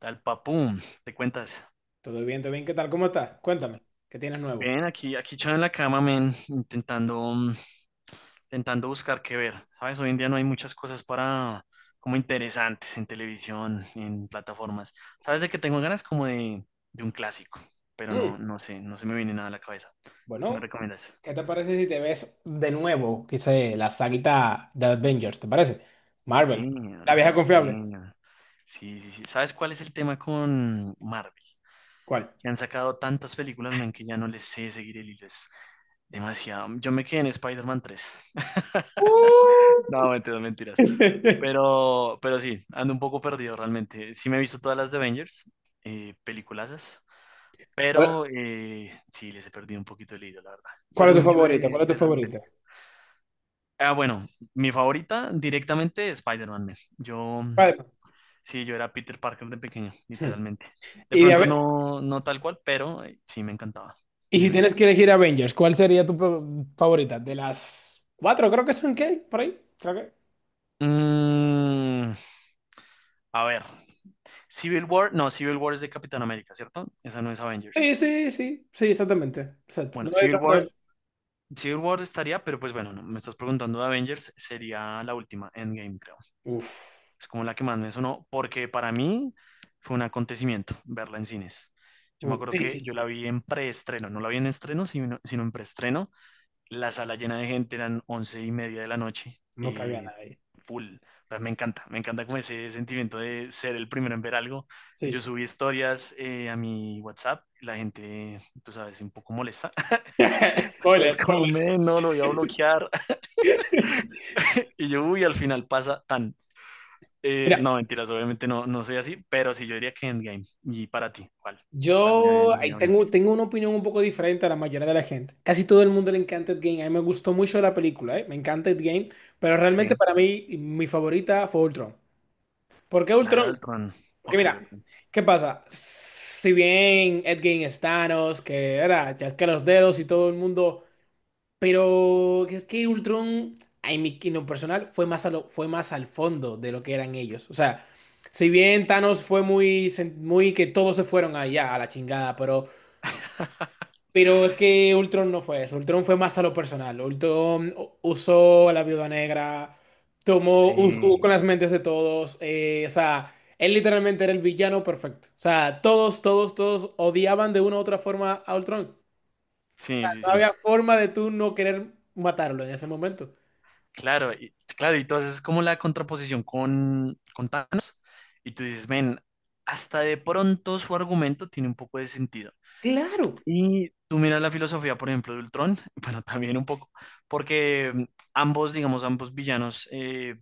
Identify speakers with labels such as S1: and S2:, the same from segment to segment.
S1: Tal papum, te cuentas.
S2: Todo bien, todo bien. ¿Qué tal? ¿Cómo estás? Cuéntame, ¿qué tienes nuevo?
S1: Ven, aquí echado en la cama, men, intentando buscar qué ver. Sabes, hoy en día no hay muchas cosas para, como interesantes en televisión, en plataformas. Sabes de que tengo ganas de un clásico, pero
S2: Mm,
S1: no sé, no se me viene nada a la cabeza. ¿Qué me
S2: Bueno,
S1: recomiendas?
S2: ¿qué te parece si te ves de nuevo, qué sé, la saguita de Avengers? ¿Te parece? Marvel, la
S1: Damn,
S2: vieja confiable.
S1: damn. Sí, sí, sí. ¿Sabes cuál es el tema con Marvel?
S2: ¿Cuál?
S1: Que han sacado tantas películas, men, que ya no les sé seguir el hilo. Es demasiado. Yo me quedé en Spider-Man 3. No, mentiras, mentiras. Pero sí, ando un poco perdido realmente. Sí me he visto todas las de Avengers, peliculazas,
S2: ¿Cuál
S1: pero sí les he perdido un poquito el hilo, la verdad. Tú
S2: cuál
S1: eres
S2: es tu
S1: mucho
S2: favorito? ¿Cuál es tu
S1: de esas
S2: favorito?
S1: pelis. Ah, bueno, mi favorita directamente es Spider-Man. Man. Yo,
S2: ¿Cuál?
S1: sí, yo era Peter Parker de pequeño,
S2: Hmm.
S1: literalmente. De
S2: Y, de
S1: pronto
S2: Ave-
S1: no, no tal cual, pero sí me encantaba.
S2: y si
S1: Dime.
S2: tienes que elegir Avengers, ¿cuál sería tu favorita? De las cuatro, creo que son, ¿qué? Por ahí, creo que.
S1: Mm, a ver, Civil War, no, Civil War es de Capitán América, ¿cierto? Esa no es Avengers.
S2: Sí, sí, sí, sí, exactamente. Exacto.
S1: Bueno,
S2: No hay tanta...
S1: Civil War estaría, pero pues bueno, no, me estás preguntando de Avengers, sería la última, Endgame, creo.
S2: Uf,
S1: Es como la que más me sonó, porque para mí fue un acontecimiento verla en cines. Yo me
S2: uf.
S1: acuerdo
S2: Sí,
S1: que
S2: sí,
S1: yo
S2: sí.
S1: la vi en preestreno, no la vi en estreno, sino en preestreno. La sala llena de gente, eran once y media de la noche,
S2: No cabía
S1: y
S2: nadie.
S1: full. Pero me encanta como ese sentimiento de ser el primero en ver algo. Yo
S2: Sí.
S1: subí historias a mi WhatsApp, la gente, tú sabes, un poco molesta.
S2: Spoiler,
S1: Entonces,
S2: spoiler.
S1: como, me, no, lo voy a bloquear. Y yo, uy, al final pasa tan.
S2: Mira,
S1: No, mentiras, obviamente no, no soy así, pero sí yo diría que Endgame. Y para ti, ¿cuál? ¿Cuál
S2: yo
S1: de
S2: ahí tengo,
S1: Avengers?
S2: tengo una opinión un poco diferente a la mayoría de la gente. Casi todo el mundo le encanta Ed Game. A mí me gustó mucho la película, ¿eh? Me encanta Ed Game. Pero realmente
S1: Sí,
S2: para mí, mi favorita fue Ultron. ¿Por qué
S1: la
S2: Ultron?
S1: era del Tron.
S2: Porque
S1: Ok,
S2: mira,
S1: ok.
S2: ¿qué pasa? Si bien Ed Game es Thanos, que era chasquea los dedos y todo el mundo. Pero es que Ultron, en mi en lo personal, fue más, fue más al fondo de lo que eran ellos. O sea, si bien Thanos fue muy, muy que todos se fueron allá a la chingada, pero es que Ultron no fue eso. Ultron fue más a lo personal. Ultron usó a la Viuda Negra, tomó, sí, usó
S1: Sí,
S2: con las mentes de todos. O sea, él literalmente era el villano perfecto. O sea, todos odiaban de una u otra forma a Ultron.
S1: sí, sí,
S2: No
S1: sí.
S2: había forma de tú no querer matarlo en ese momento.
S1: Claro, y, claro, y tú haces como la contraposición con Thanos, y tú dices, ven, hasta de pronto su argumento tiene un poco de sentido.
S2: Claro,
S1: Y tú miras la filosofía, por ejemplo, de Ultron, bueno, también un poco, porque ambos, digamos, ambos villanos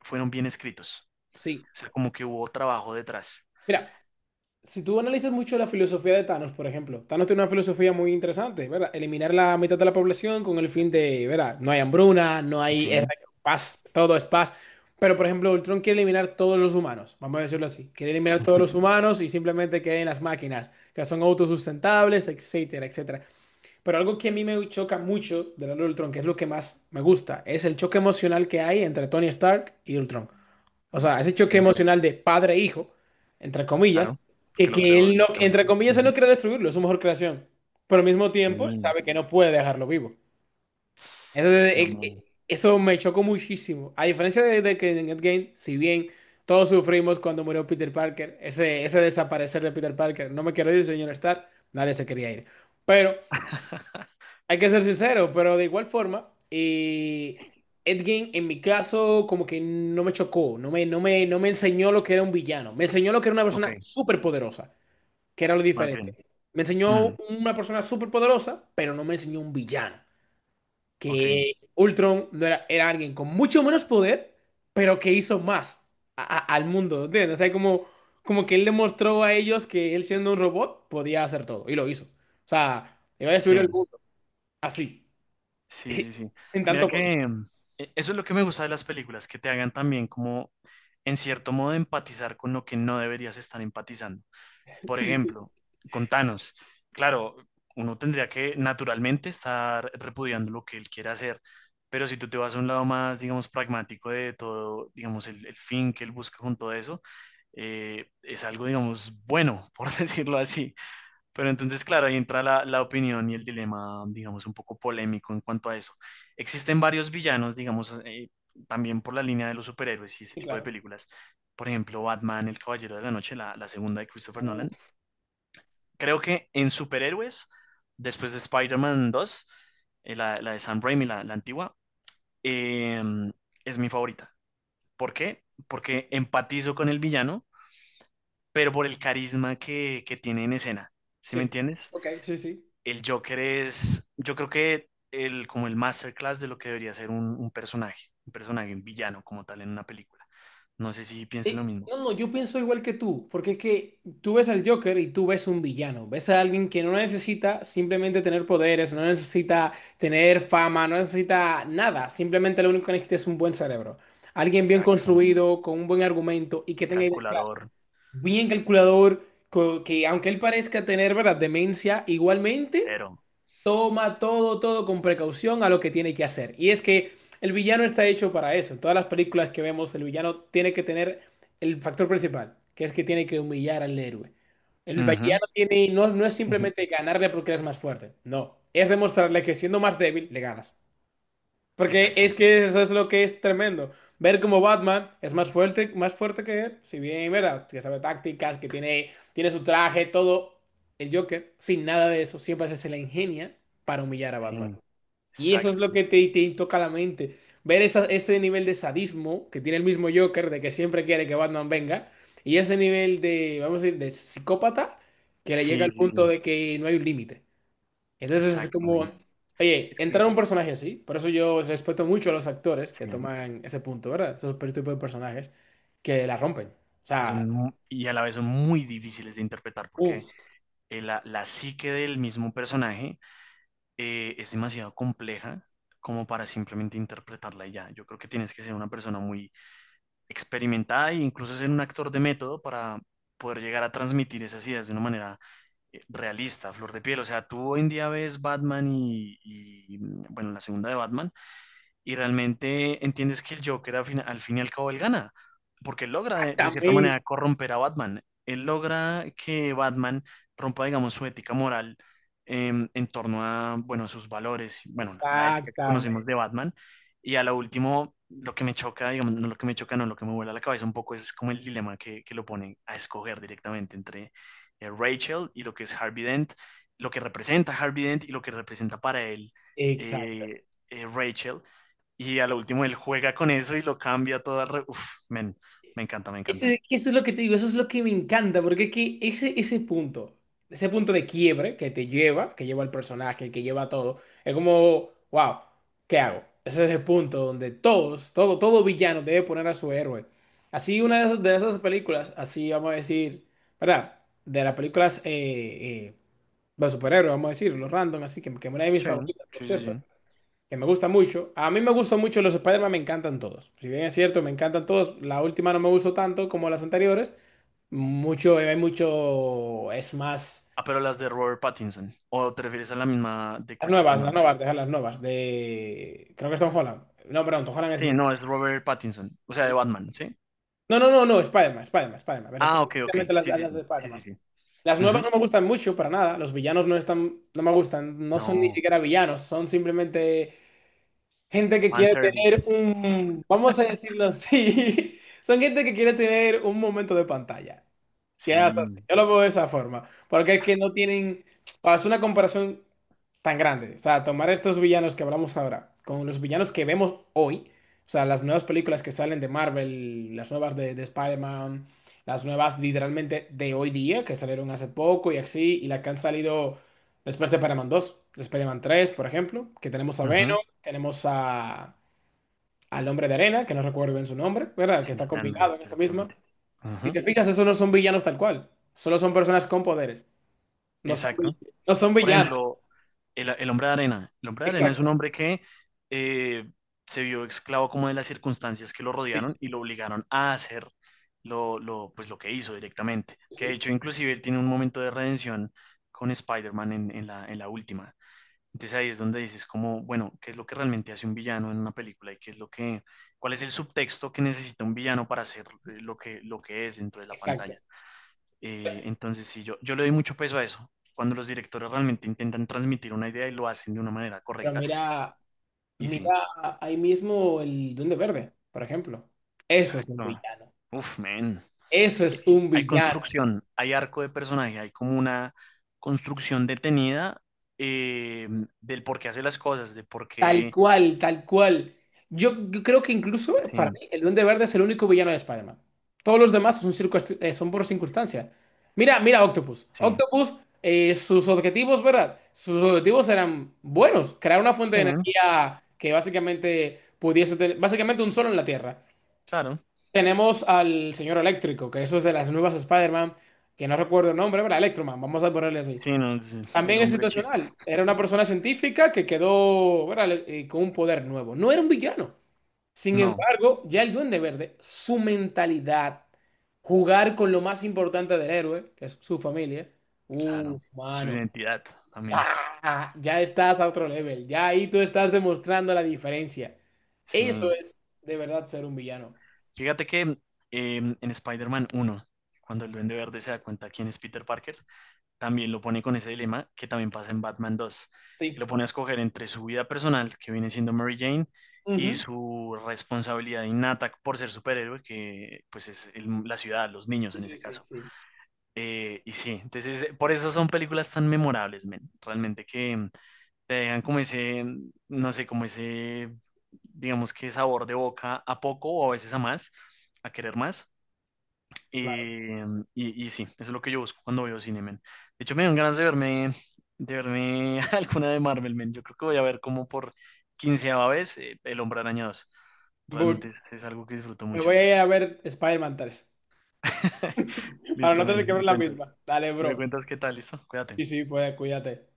S1: fueron bien escritos.
S2: sí.
S1: O sea, como que hubo trabajo detrás.
S2: Mira, si tú analizas mucho la filosofía de Thanos, por ejemplo, Thanos tiene una filosofía muy interesante, ¿verdad? Eliminar la mitad de la población con el fin de, ¿verdad? No hay hambruna, no
S1: Sí,
S2: hay
S1: ok,
S2: paz, todo es paz. Pero, por ejemplo, Ultron quiere eliminar todos los humanos, vamos a decirlo así. Quiere eliminar todos los humanos y simplemente queden las máquinas, que son autosustentables, etcétera, etcétera. Pero algo que a mí me choca mucho de la ley de Ultron, que es lo que más me gusta, es el choque emocional que hay entre Tony Stark y Ultron. O sea, ese choque emocional de padre-hijo, entre comillas,
S1: claro,
S2: que,
S1: porque lo
S2: que
S1: creó
S2: él no, entre
S1: directamente.
S2: comillas, él
S1: Ujú,
S2: no quiere destruirlo, es su mejor creación. Pero al mismo
S1: sí,
S2: tiempo, él sabe que no puede dejarlo vivo. Entonces,
S1: fenómeno.
S2: eso me chocó muchísimo. A diferencia de que en Endgame, si bien todos sufrimos cuando murió Peter Parker, ese desaparecer de Peter Parker, no me quiero ir, señor Stark, nadie se quería ir. Pero hay que ser sincero, pero de igual forma, Ed Gein, en mi caso como que no me chocó, no me enseñó lo que era un villano, me enseñó lo que era una
S1: Ok,
S2: persona súper poderosa, que era lo
S1: más
S2: diferente.
S1: bien.
S2: Me enseñó
S1: Mm,
S2: una persona súper poderosa, pero no me enseñó un villano,
S1: ok,
S2: que Ultron no era, era alguien con mucho menos poder, pero que hizo más al mundo, ¿entiendes? O sea, como, como que él demostró a ellos que él siendo un robot podía hacer todo, y lo hizo. O sea, iba a destruir el
S1: sí,
S2: mundo, así.
S1: sí, sí, sí.
S2: Sin
S1: Mira
S2: tanto poder.
S1: que eso es lo que me gusta de las películas, que te hagan también como, en cierto modo, empatizar con lo que no deberías estar empatizando. Por
S2: Sí, sí,
S1: ejemplo, contanos, claro, uno tendría que naturalmente estar repudiando lo que él quiere hacer, pero si tú te vas a un lado más, digamos, pragmático de todo, digamos, el fin que él busca con todo eso, es algo, digamos, bueno, por decirlo así. Pero entonces, claro, ahí entra la opinión y el dilema, digamos, un poco polémico en cuanto a eso. Existen varios villanos, digamos, también por la línea de los superhéroes y ese
S2: sí,
S1: tipo de
S2: claro.
S1: películas. Por ejemplo, Batman, El Caballero de la Noche, la segunda de Christopher Nolan
S2: Uf,
S1: creo que en superhéroes, después de Spider-Man 2, la de Sam Raimi, la antigua, eh, es mi favorita. ¿Por qué? Porque empatizo con el villano, pero por el carisma que tiene en escena. ¿Sí me
S2: sí,
S1: entiendes?
S2: ok, sí, sí.
S1: El Joker es, yo creo que el, como el masterclass de lo que debería ser un personaje, un villano como tal en una película. No sé si piensen lo mismo.
S2: No, no, yo pienso igual que tú, porque es que tú ves al Joker y tú ves un villano, ves a alguien que no necesita simplemente tener poderes, no necesita tener fama, no necesita nada, simplemente lo único que necesita es un buen cerebro, alguien bien
S1: Exacto.
S2: construido, con un buen argumento y que tenga ideas claras,
S1: Calculador,
S2: bien calculador, que aunque él parezca tener, ¿verdad?, demencia, igualmente
S1: cero.
S2: toma todo, todo con precaución a lo que tiene que hacer. Y es que el villano está hecho para eso. En todas las películas que vemos, el villano tiene que tener el factor principal, que es que tiene que humillar al héroe. El
S1: Ujú,
S2: villano tiene, no, no es
S1: ujú.
S2: simplemente ganarle porque eres más fuerte. No, es demostrarle que siendo más débil, le ganas. Porque es
S1: Exacto.
S2: que eso es lo que es tremendo. Ver cómo Batman es más fuerte que él, si bien, ¿verdad? Que sabe tácticas, que tiene, tiene su traje, todo. El Joker, sin nada de eso, siempre se la ingenia para humillar a Batman.
S1: Sí,
S2: Y eso es
S1: exacto.
S2: lo que te toca la mente. Ver ese nivel de sadismo que tiene el mismo Joker, de que siempre quiere que Batman venga, y ese nivel de, vamos a decir, de psicópata, que le llega
S1: Sí,
S2: al
S1: sí,
S2: punto
S1: sí,
S2: de que no hay un límite. Entonces es
S1: exacto,
S2: como,
S1: men.
S2: oye,
S1: Es
S2: entrar a
S1: que,
S2: un personaje así, por eso yo respeto mucho a los actores que
S1: sí,
S2: toman ese punto, ¿verdad? Esos tipos de personajes que la rompen. O
S1: que
S2: sea,
S1: son, y a la vez son muy difíciles de interpretar porque
S2: uff,
S1: la psique del mismo personaje es demasiado compleja como para simplemente interpretarla y ya. Yo creo que tienes que ser una persona muy experimentada e incluso ser un actor de método para poder llegar a transmitir esas ideas de una manera realista, a flor de piel. O sea, tú hoy en día ves Batman bueno, la segunda de Batman y realmente entiendes que el Joker al fin y al cabo él gana, porque él logra de cierta
S2: exactamente,
S1: manera corromper a Batman. Él logra que Batman rompa, digamos, su ética moral en torno a, bueno, a sus valores, bueno, la ética que conocemos
S2: exactamente,
S1: de Batman. Y a lo último, lo que me choca, digamos, no lo que me choca, no, lo que me vuela la cabeza un poco es como el dilema que lo ponen a escoger directamente entre Rachel y lo que es Harvey Dent, lo que representa Harvey Dent y lo que representa para él
S2: exactamente.
S1: eh, Rachel, y a lo último él juega con eso y lo cambia todo al Uf, men, me encanta, me encanta.
S2: Que eso es lo que te digo, eso es lo que me encanta, porque es que ese, ese punto de quiebre que te lleva, que lleva al personaje, que lleva a todo, es como, wow, ¿qué hago? Ese es el punto donde todos, todo, todo villano debe poner a su héroe. Así una de esas películas, así vamos a decir, ¿verdad? De las películas de superhéroes, vamos a decir, los random, así que una de mis
S1: Sí.
S2: favoritas, por
S1: Sí, sí,
S2: cierto
S1: sí.
S2: que me gusta mucho. A mí me gustan mucho los Spider-Man, me encantan todos. Si bien es cierto, me encantan todos. La última no me gustó tanto como las anteriores. Mucho, hay mucho, es más.
S1: Ah, pero las de Robert Pattinson. ¿O te refieres a la misma de Christopher
S2: Las
S1: Nolan?
S2: nuevas, dejar las nuevas. De. Creo que es Tom Holland. No, perdón, Tom Holland
S1: Sí,
S2: es.
S1: no, es Robert Pattinson. O sea, de Batman, ¿sí?
S2: No, no, no, no, Spider-Man, Spider-Man, Spider-Man. Me refiero
S1: Ah, ok, ok.
S2: especialmente
S1: Sí,
S2: a
S1: sí,
S2: las
S1: sí.
S2: de
S1: Sí, sí,
S2: Spider-Man.
S1: sí.
S2: Las nuevas
S1: Ujú.
S2: no me gustan mucho, para nada. Los villanos no están, no me gustan. No son ni
S1: No,
S2: siquiera villanos, son simplemente gente que quiere
S1: fanservice.
S2: tener un, vamos a decirlo así, son gente que quiere tener un momento de pantalla. Quedas así.
S1: Sí.
S2: Yo lo veo de esa forma. Porque es que no tienen. O sea, es una comparación tan grande. O sea, tomar estos villanos que hablamos ahora con los villanos que vemos hoy. O sea, las nuevas películas que salen de Marvel, las nuevas de Spider-Man, las nuevas literalmente de hoy día, que salieron hace poco y así, y las que han salido después de Spider-Man 2, de Spider-Man 3, por ejemplo, que tenemos a
S1: Ujú.
S2: Venom, tenemos a, al Hombre de Arena, que no recuerdo bien su nombre, ¿verdad? Que
S1: Sí,
S2: está
S1: Sandman,
S2: combinado en esa misma.
S1: directamente.
S2: Si
S1: Ujú.
S2: te fijas, esos no son villanos tal cual. Solo son personas con poderes. No son,
S1: Exacto.
S2: no son
S1: Por
S2: villanos.
S1: ejemplo, el hombre de arena. El hombre de arena es
S2: Exacto.
S1: un hombre que eh, se vio esclavo como de las circunstancias que lo
S2: Sí,
S1: rodearon y lo obligaron a hacer pues, lo que hizo directamente. Que de
S2: sí,
S1: hecho, inclusive, él tiene un momento de redención con Spider-Man en en la última. Entonces ahí es donde dices como, bueno, ¿qué es lo que realmente hace un villano en una película y qué es lo que, cuál es el subtexto que necesita un villano para hacer lo que es dentro de la pantalla?
S2: exacto.
S1: Entonces, sí, yo le doy mucho peso a eso. Cuando los directores realmente intentan transmitir una idea y lo hacen de una manera
S2: Pero
S1: correcta,
S2: mira,
S1: y
S2: mira
S1: sí,
S2: ahí mismo el Duende Verde, por ejemplo. Eso es un
S1: exacto.
S2: villano.
S1: Uf, man.
S2: Eso
S1: Es
S2: es
S1: que
S2: un
S1: hay
S2: villano.
S1: construcción, hay arco de personaje, hay como una construcción detenida eh, del por qué hace las cosas, de por
S2: Tal
S1: qué.
S2: cual, tal cual. Yo creo que incluso
S1: Sí,
S2: para mí el Duende Verde es el único villano de Spider-Man. Todos los demás son, son por circunstancia. Mira, mira Octopus.
S1: sí,
S2: Octopus, sus objetivos, ¿verdad? Sus objetivos eran buenos. Crear una fuente
S1: sí,
S2: de energía que básicamente pudiese tener, básicamente un sol en la Tierra.
S1: claro.
S2: Tenemos al señor Eléctrico, que eso es de las nuevas Spider-Man, que no recuerdo el nombre, ¿verdad? Electroman, vamos a ponerle así.
S1: Sí, no, el
S2: También es
S1: hombre chispa.
S2: situacional. Era una persona científica que quedó, ¿verdad? Con un poder nuevo. No era un villano. Sin
S1: No,
S2: embargo, ya el Duende Verde, su mentalidad, jugar con lo más importante del héroe, que es su familia.
S1: claro.
S2: Uf,
S1: Su
S2: mano.
S1: identidad también.
S2: Ah, ya estás a otro level. Ya ahí tú estás demostrando la diferencia. Eso
S1: Sí.
S2: es de verdad ser un villano.
S1: Fíjate que en Spider-Man 1, cuando el Duende Verde se da cuenta quién es Peter Parker, también lo pone con ese dilema que también pasa en Batman 2, que
S2: Sí.
S1: lo pone a escoger entre su vida personal, que viene siendo Mary Jane, y
S2: Ujú.
S1: su responsabilidad innata por ser superhéroe, que pues es la ciudad, los niños
S2: Sí,
S1: en ese
S2: sí, sí,
S1: caso.
S2: sí.
S1: Y sí, entonces, por eso son películas tan memorables, men. Realmente que te dejan como ese, no sé, como ese, digamos que sabor de boca a poco o a veces a más, a querer más.
S2: Claro.
S1: Eh, y, y sí, eso es lo que yo busco cuando veo cine, men. De hecho, me dan ganas de verme alguna de Marvel, men. Yo creo que voy a ver como por quinceava vez El Hombre Araña 2.
S2: Bu-
S1: Realmente es algo que disfruto
S2: Me
S1: mucho.
S2: voy a ir a ver Spider-Man 3 para
S1: Listo,
S2: no tener
S1: men,
S2: que ver
S1: me
S2: la
S1: cuentas.
S2: misma. Dale,
S1: Me
S2: bro.
S1: cuentas qué tal, listo. Cuídate.
S2: Sí, sí, pues cuídate.